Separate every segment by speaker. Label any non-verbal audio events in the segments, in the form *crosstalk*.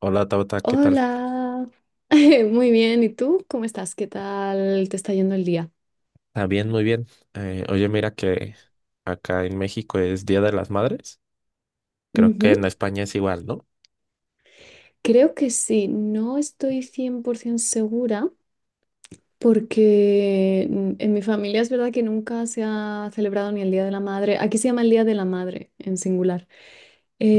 Speaker 1: Hola Tauta, ¿qué tal?
Speaker 2: Hola, *laughs* muy bien. ¿Y tú? ¿Cómo estás? ¿Qué tal te está yendo el día?
Speaker 1: Bien, muy bien. Oye, mira que acá en México es Día de las Madres. Creo que
Speaker 2: Ujú.
Speaker 1: en España es igual, ¿no?
Speaker 2: Creo que sí, no estoy 100% segura porque en mi familia es verdad que nunca se ha celebrado ni el Día de la Madre. Aquí se llama el Día de la Madre en singular.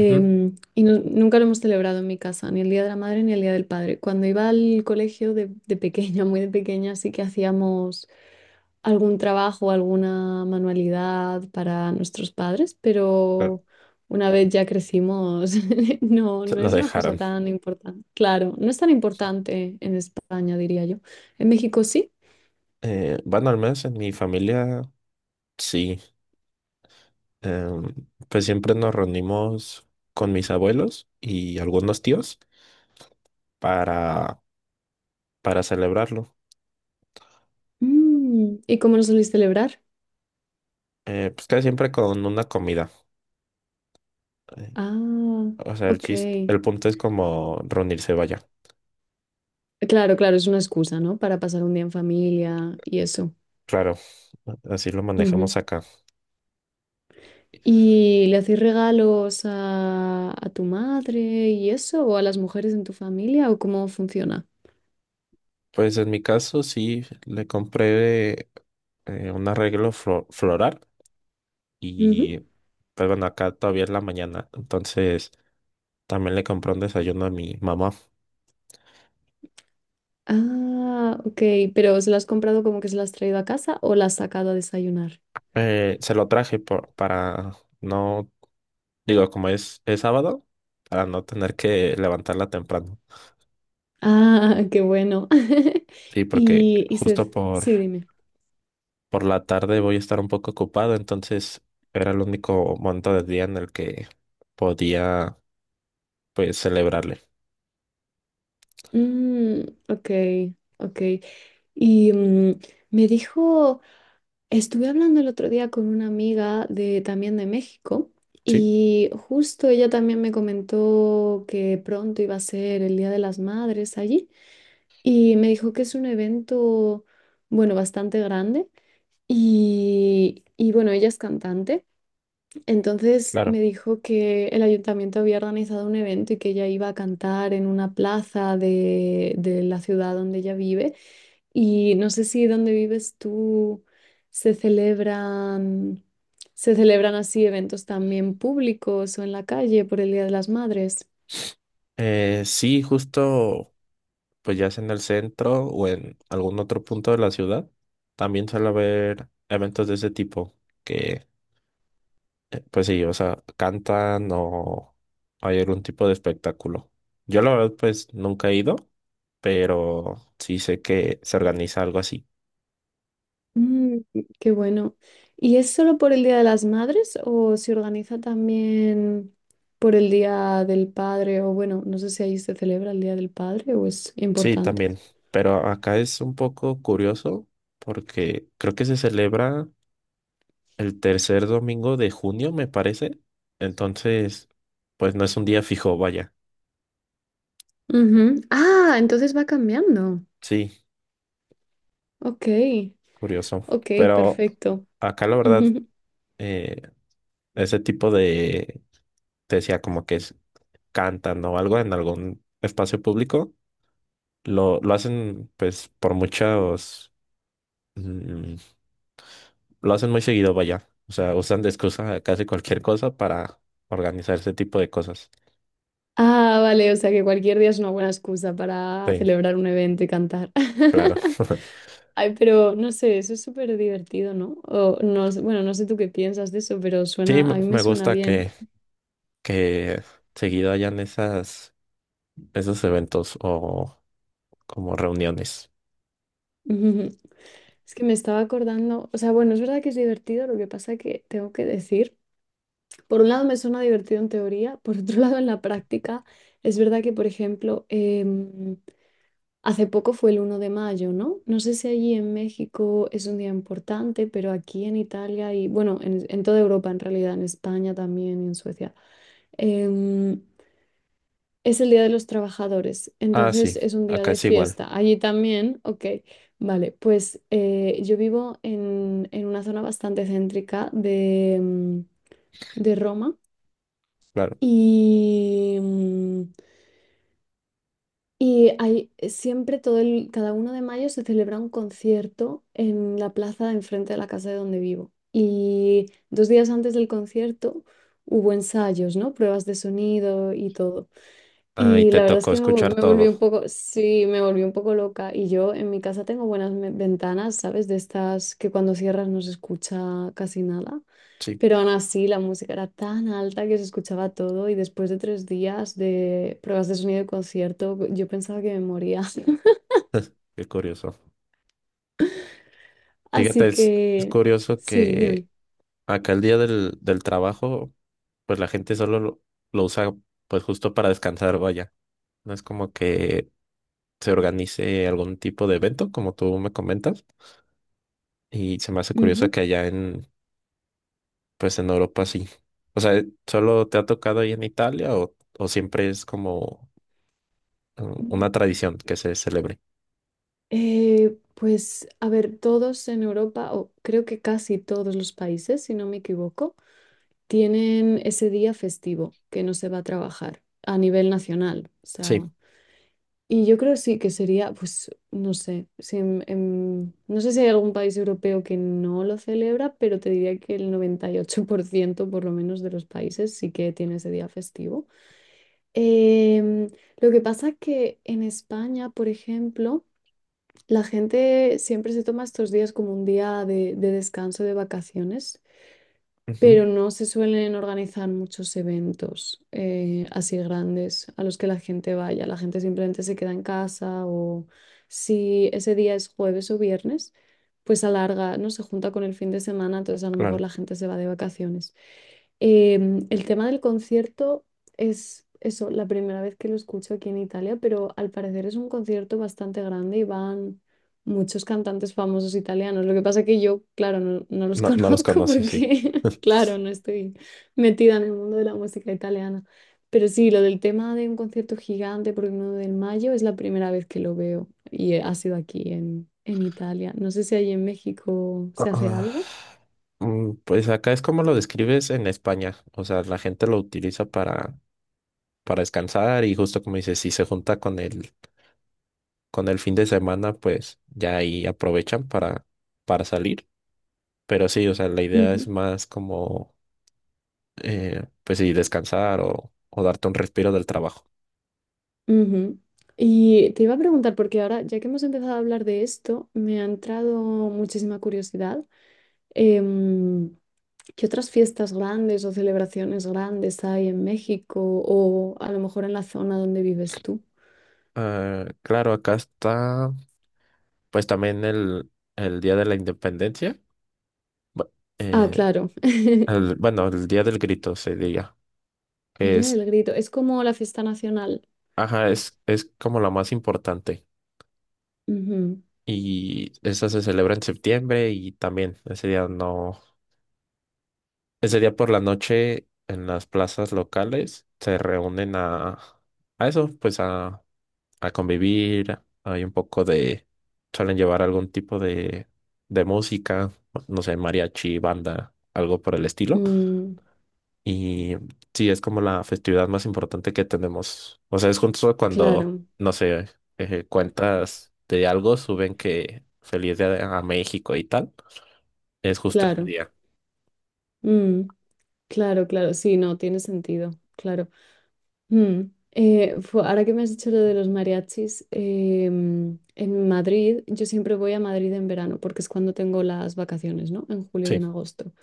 Speaker 1: Ujú.
Speaker 2: Y nunca lo hemos celebrado en mi casa, ni el Día de la Madre ni el Día del Padre. Cuando iba al colegio de pequeña, *laughs* muy de pequeña, sí que hacíamos algún trabajo, alguna manualidad para nuestros padres,
Speaker 1: Claro.
Speaker 2: pero una vez ya crecimos, *laughs* no,
Speaker 1: Se
Speaker 2: no
Speaker 1: lo
Speaker 2: es una cosa
Speaker 1: dejaron.
Speaker 2: tan importante. Claro, no es tan importante en España, diría yo. En México sí.
Speaker 1: Bueno, al menos en mi familia, sí. Em, pues siempre nos reunimos con mis abuelos y algunos tíos para, para celebrarlo.
Speaker 2: ¿Y cómo lo soléis celebrar?
Speaker 1: Pues casi siempre con una comida. Eh,
Speaker 2: Ah,
Speaker 1: o sea, el chiste,
Speaker 2: ok.
Speaker 1: el punto es como reunirse, vaya.
Speaker 2: Claro, claro, es una excusa, ¿no? Para pasar un día en familia y eso.
Speaker 1: Claro, así lo
Speaker 2: Ujú.
Speaker 1: manejamos acá.
Speaker 2: ¿Y le hacéis regalos a tu madre y eso? ¿O a las mujeres en tu familia? ¿O cómo funciona?
Speaker 1: Pues en mi caso sí, le compré un arreglo floral y pues bueno, acá todavía es la mañana, entonces también le compré un desayuno a mi mamá.
Speaker 2: Ah, ok, pero ¿se las has comprado como que se las has traído a casa o las has sacado a desayunar?
Speaker 1: Se lo traje para no, digo, como es sábado, para no tener que levantarla temprano.
Speaker 2: Ah, qué bueno. *laughs*
Speaker 1: Sí, porque
Speaker 2: Y
Speaker 1: justo
Speaker 2: Sí, dime.
Speaker 1: por la tarde voy a estar un poco ocupado, entonces era el único momento del día en el que podía pues celebrarle.
Speaker 2: Mm, ok, ok. Y me dijo, estuve hablando el otro día con una amiga de también de México
Speaker 1: Sí,
Speaker 2: y justo ella también me comentó que pronto iba a ser el Día de las Madres allí y me dijo que es un evento, bueno, bastante grande. Y bueno, ella es cantante, entonces me
Speaker 1: claro.
Speaker 2: dijo que el ayuntamiento había organizado un evento y que ella iba a cantar en una plaza de la ciudad donde ella vive. Y no sé si donde vives tú se celebran, se celebran así eventos también públicos o en la calle por el Día de las Madres.
Speaker 1: Sí, justo pues ya sea en el centro o en algún otro punto de la ciudad, también suele haber eventos de ese tipo que pues sí, o sea, cantan o hay algún tipo de espectáculo. Yo la verdad pues nunca he ido, pero sí sé que se organiza algo así.
Speaker 2: Mm, Qué bueno. ¿Y es solo por el Día de las Madres o se organiza también por el Día del Padre? O bueno, no sé si ahí se celebra el Día del Padre o es
Speaker 1: Sí,
Speaker 2: importante.
Speaker 1: también, pero acá es un poco curioso porque creo que se celebra el tercer domingo de junio, me parece. Entonces, pues no es un día fijo, vaya.
Speaker 2: Ujú. Ah, entonces va cambiando.
Speaker 1: Sí,
Speaker 2: Ok,
Speaker 1: curioso.
Speaker 2: ok,
Speaker 1: Pero
Speaker 2: perfecto.
Speaker 1: acá la
Speaker 2: *laughs*
Speaker 1: verdad,
Speaker 2: Ujú.
Speaker 1: eh, ese tipo te decía como que es, cantan o algo en algún espacio público, lo hacen pues por muchos, mm, lo hacen muy seguido, vaya. O sea, usan de excusa casi cualquier cosa para organizar ese tipo de cosas.
Speaker 2: Ah, vale, o sea que cualquier día es una buena excusa para
Speaker 1: Sí,
Speaker 2: celebrar un evento y cantar.
Speaker 1: claro.
Speaker 2: *laughs*
Speaker 1: *laughs*
Speaker 2: Ay, pero no sé, eso es súper divertido, ¿no? O, no, sé- Bueno, no sé tú qué piensas de eso, pero
Speaker 1: Sí,
Speaker 2: a
Speaker 1: me
Speaker 2: mí me
Speaker 1: me
Speaker 2: suena
Speaker 1: gusta
Speaker 2: bien.
Speaker 1: que seguido hayan esas, esos eventos o como reuniones.
Speaker 2: *laughs* Es que me estaba acordando, o sea, bueno, es verdad que es divertido, lo que pasa que tengo que decir, por un lado me suena divertido en teoría, por otro *laughs* lado en la práctica, es verdad que, por ejemplo, hace poco fue el 1 de mayo, ¿no? No sé si allí en México es un día importante, pero aquí en Italia y, bueno, en toda Europa en realidad, en España también y en Suecia, em, es el Día de los Trabajadores,
Speaker 1: Ah,
Speaker 2: entonces
Speaker 1: sí,
Speaker 2: es un día
Speaker 1: acá
Speaker 2: de
Speaker 1: es igual,
Speaker 2: fiesta. Allí también, ok. Vale, pues yo vivo en una zona bastante céntrica de Roma
Speaker 1: claro.
Speaker 2: y, y hay siempre cada uno de mayo se celebra un concierto en la plaza de enfrente de la casa de donde vivo. Y 2 días antes del concierto hubo ensayos, ¿no? Pruebas de sonido y todo.
Speaker 1: Ah, y
Speaker 2: Y
Speaker 1: te
Speaker 2: la verdad es
Speaker 1: tocó
Speaker 2: que
Speaker 1: escuchar
Speaker 2: me volví
Speaker 1: todo.
Speaker 2: un poco, sí, me volví un poco loca. Y yo en mi casa tengo buenas ventanas, ¿sabes? De estas que cuando cierras no se escucha casi nada.
Speaker 1: Sí,
Speaker 2: Pero aún así la música era tan alta que se escuchaba todo. Y después de 3 días de pruebas de sonido de concierto, yo pensaba que me moría. *laughs*
Speaker 1: *laughs* qué curioso. Fíjate,
Speaker 2: Así
Speaker 1: es
Speaker 2: que,
Speaker 1: curioso
Speaker 2: sí,
Speaker 1: que
Speaker 2: dime.
Speaker 1: acá el día del trabajo, pues la gente solo lo usa pues justo para descansar, vaya. No es como que se organice algún tipo de evento, como tú me comentas. Y se me hace curioso
Speaker 2: Ujú.
Speaker 1: que allá, pues en Europa sí. O sea, ¿solo te ha tocado ahí en Italia o siempre es como eh, una tradición que se celebre?
Speaker 2: Pues, a ver, todos en Europa, o creo que casi todos los países, si no me equivoco, tienen ese día festivo que no se va a trabajar a nivel nacional. O
Speaker 1: Sí,
Speaker 2: sea, y yo creo sí que sería, pues, no sé, si no sé si hay algún país europeo que no lo celebra, pero te diría que el 98% por lo menos de los países sí que tiene ese día festivo. Em, lo que pasa es que en España, por ejemplo, la gente siempre se toma estos días como un día de descanso, de vacaciones,
Speaker 1: ujú,
Speaker 2: pero no se suelen organizar muchos eventos así grandes a los que la gente vaya. La gente simplemente se queda en casa o, si ese día es jueves o viernes, pues alarga, no se junta con el fin de semana, entonces a lo mejor
Speaker 1: claro.
Speaker 2: la gente se va de vacaciones. El tema del concierto es eso, la primera vez que lo escucho aquí en Italia, pero al parecer es un concierto bastante grande y van muchos cantantes famosos italianos. Lo que pasa que yo, claro, no, no los *laughs*
Speaker 1: No, no los
Speaker 2: conozco
Speaker 1: conoces, sí.
Speaker 2: porque, *laughs* claro, no estoy metida en el mundo de la música italiana. Pero sí, lo del tema de un concierto gigante por el 9 de mayo es la primera vez que lo veo y ha sido aquí en Italia. No sé si ahí en México se hace
Speaker 1: Ah,
Speaker 2: algo.
Speaker 1: pues acá es como lo describes en España. O sea, la gente lo utiliza para descansar y justo como dices, si se junta con con el fin de semana, pues ya ahí aprovechan para salir. Pero sí, o sea, la idea es más como pues sí, descansar o darte un respiro del trabajo.
Speaker 2: Ujú. Y te iba a preguntar, porque ahora, ya que hemos empezado a hablar de esto, me ha entrado muchísima curiosidad. em, ¿Qué otras fiestas grandes o celebraciones grandes hay en México o a lo mejor en la zona donde vives tú?
Speaker 1: Ah, claro, acá está pues también el Día de la Independencia. Bu-
Speaker 2: Ah,
Speaker 1: eh,
Speaker 2: claro, *laughs*
Speaker 1: bueno, el Día del Grito se diga,
Speaker 2: el
Speaker 1: que
Speaker 2: Día
Speaker 1: es,
Speaker 2: del Grito. Es como la fiesta nacional.
Speaker 1: ajá, es como la más importante. Y esa se celebra en septiembre y también ese día no, ese día por la noche en las plazas locales se reúnen a eso, pues a convivir, hay un poco de, suelen llevar algún tipo de música, no sé, mariachi, banda, algo por el
Speaker 2: Ujú.
Speaker 1: estilo.
Speaker 2: Mm,
Speaker 1: Y sí, es como la festividad más importante que tenemos. O sea, es justo cuando,
Speaker 2: claro,
Speaker 1: no sé, cuentas de algo, suben que feliz día a México y tal. Es justo ese
Speaker 2: claro.
Speaker 1: día.
Speaker 2: Mm, claro, claro. Sí, no, tiene sentido. Claro. Mm. Ahora que me has dicho lo de los mariachis, en Madrid, yo siempre voy a Madrid en verano porque es cuando tengo las vacaciones, ¿no? En julio y en
Speaker 1: Sí,
Speaker 2: agosto.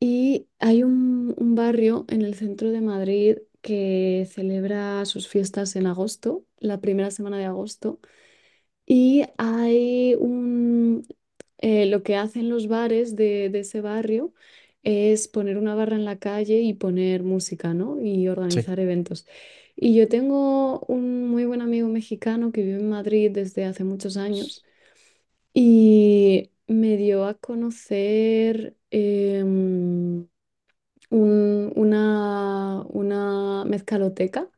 Speaker 2: Y hay un barrio en el centro de Madrid que celebra sus fiestas en agosto, la primera semana de agosto. Y hay lo que hacen los bares de ese barrio es poner una barra en la calle y poner música, ¿no? Y
Speaker 1: sí,
Speaker 2: organizar eventos. Y yo tengo un muy buen amigo mexicano que vive en Madrid desde hace muchos años y me dio a conocer una mezcaloteca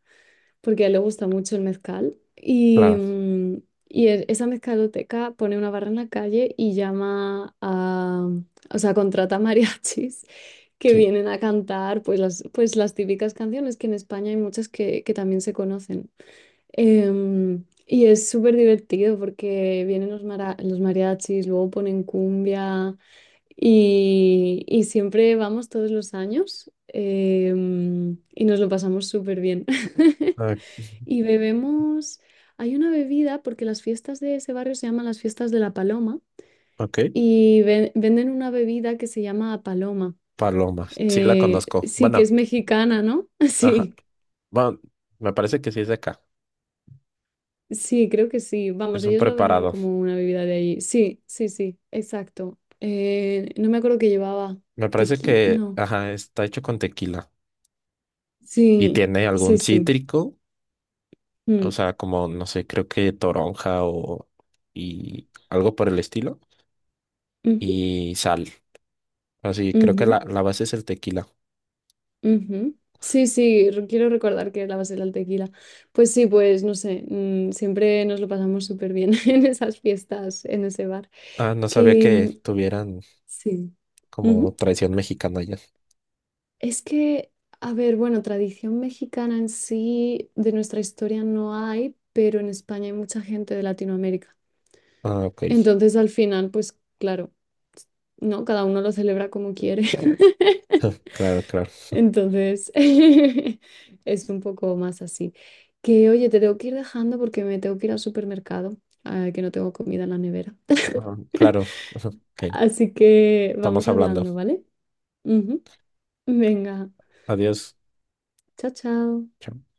Speaker 2: porque a él le gusta mucho el mezcal. Y,
Speaker 1: claro,
Speaker 2: mm, y e- esa mezcaloteca pone una barra en la calle y o sea, contrata mariachis *laughs* que
Speaker 1: sí.
Speaker 2: vienen a cantar pues las típicas canciones, que en España hay muchas que también se conocen. Y es súper divertido porque vienen los mariachis, luego ponen cumbia. Y siempre vamos todos los años, y nos lo pasamos súper bien. *laughs*
Speaker 1: Ah,
Speaker 2: Y bebemos, hay una bebida, porque las fiestas de ese barrio se llaman las fiestas de la Paloma,
Speaker 1: ok,
Speaker 2: y venden una bebida que se llama Paloma.
Speaker 1: Paloma, sí la conozco.
Speaker 2: Sí, que
Speaker 1: Bueno,
Speaker 2: es mexicana, ¿no? *laughs*
Speaker 1: ajá.
Speaker 2: Sí,
Speaker 1: Bueno, me parece que sí es de acá.
Speaker 2: sí, creo que sí. Vamos,
Speaker 1: Es un
Speaker 2: ellos lo venden
Speaker 1: preparado.
Speaker 2: como una bebida de allí. Sí, sí, sí, exacto. No me acuerdo, que llevaba
Speaker 1: Me parece
Speaker 2: tequila,
Speaker 1: que,
Speaker 2: no.
Speaker 1: ajá, está hecho con tequila y
Speaker 2: Sí,
Speaker 1: tiene
Speaker 2: sí,
Speaker 1: algún
Speaker 2: sí.
Speaker 1: cítrico, o
Speaker 2: Mm,
Speaker 1: sea, como, no sé, creo que toronja o y algo por el estilo
Speaker 2: ujú,
Speaker 1: y sal. Así, creo que
Speaker 2: ujú.
Speaker 1: la base es el tequila.
Speaker 2: Ujú. Sí, sí, quiero recordar que era la base del tequila. Pues sí, pues no sé, siempre nos lo pasamos súper bien *laughs* en esas fiestas, en ese bar.
Speaker 1: Ah, no sabía
Speaker 2: Que mm,
Speaker 1: que tuvieran
Speaker 2: sí.
Speaker 1: como
Speaker 2: Ujú.
Speaker 1: tradición mexicana ya.
Speaker 2: Es que, a ver, bueno, tradición mexicana en sí de nuestra historia no hay, pero en España hay mucha gente de Latinoamérica.
Speaker 1: Ah, ok.
Speaker 2: Entonces, al final, pues claro, ¿no? Cada uno lo celebra como quiere. *laughs*
Speaker 1: *laughs* Claro, claro.
Speaker 2: Entonces, *laughs* es un poco más así. Que, oye, te tengo que ir dejando porque me tengo que ir al supermercado, ah, que no tengo comida en la nevera.
Speaker 1: Ajá,
Speaker 2: *laughs*
Speaker 1: claro. *laughs* Ajá, ok.
Speaker 2: Así que
Speaker 1: Estamos
Speaker 2: vamos
Speaker 1: hablando.
Speaker 2: hablando, ¿vale? Ujú. Venga,
Speaker 1: Adiós.
Speaker 2: chao, chao.
Speaker 1: Chao.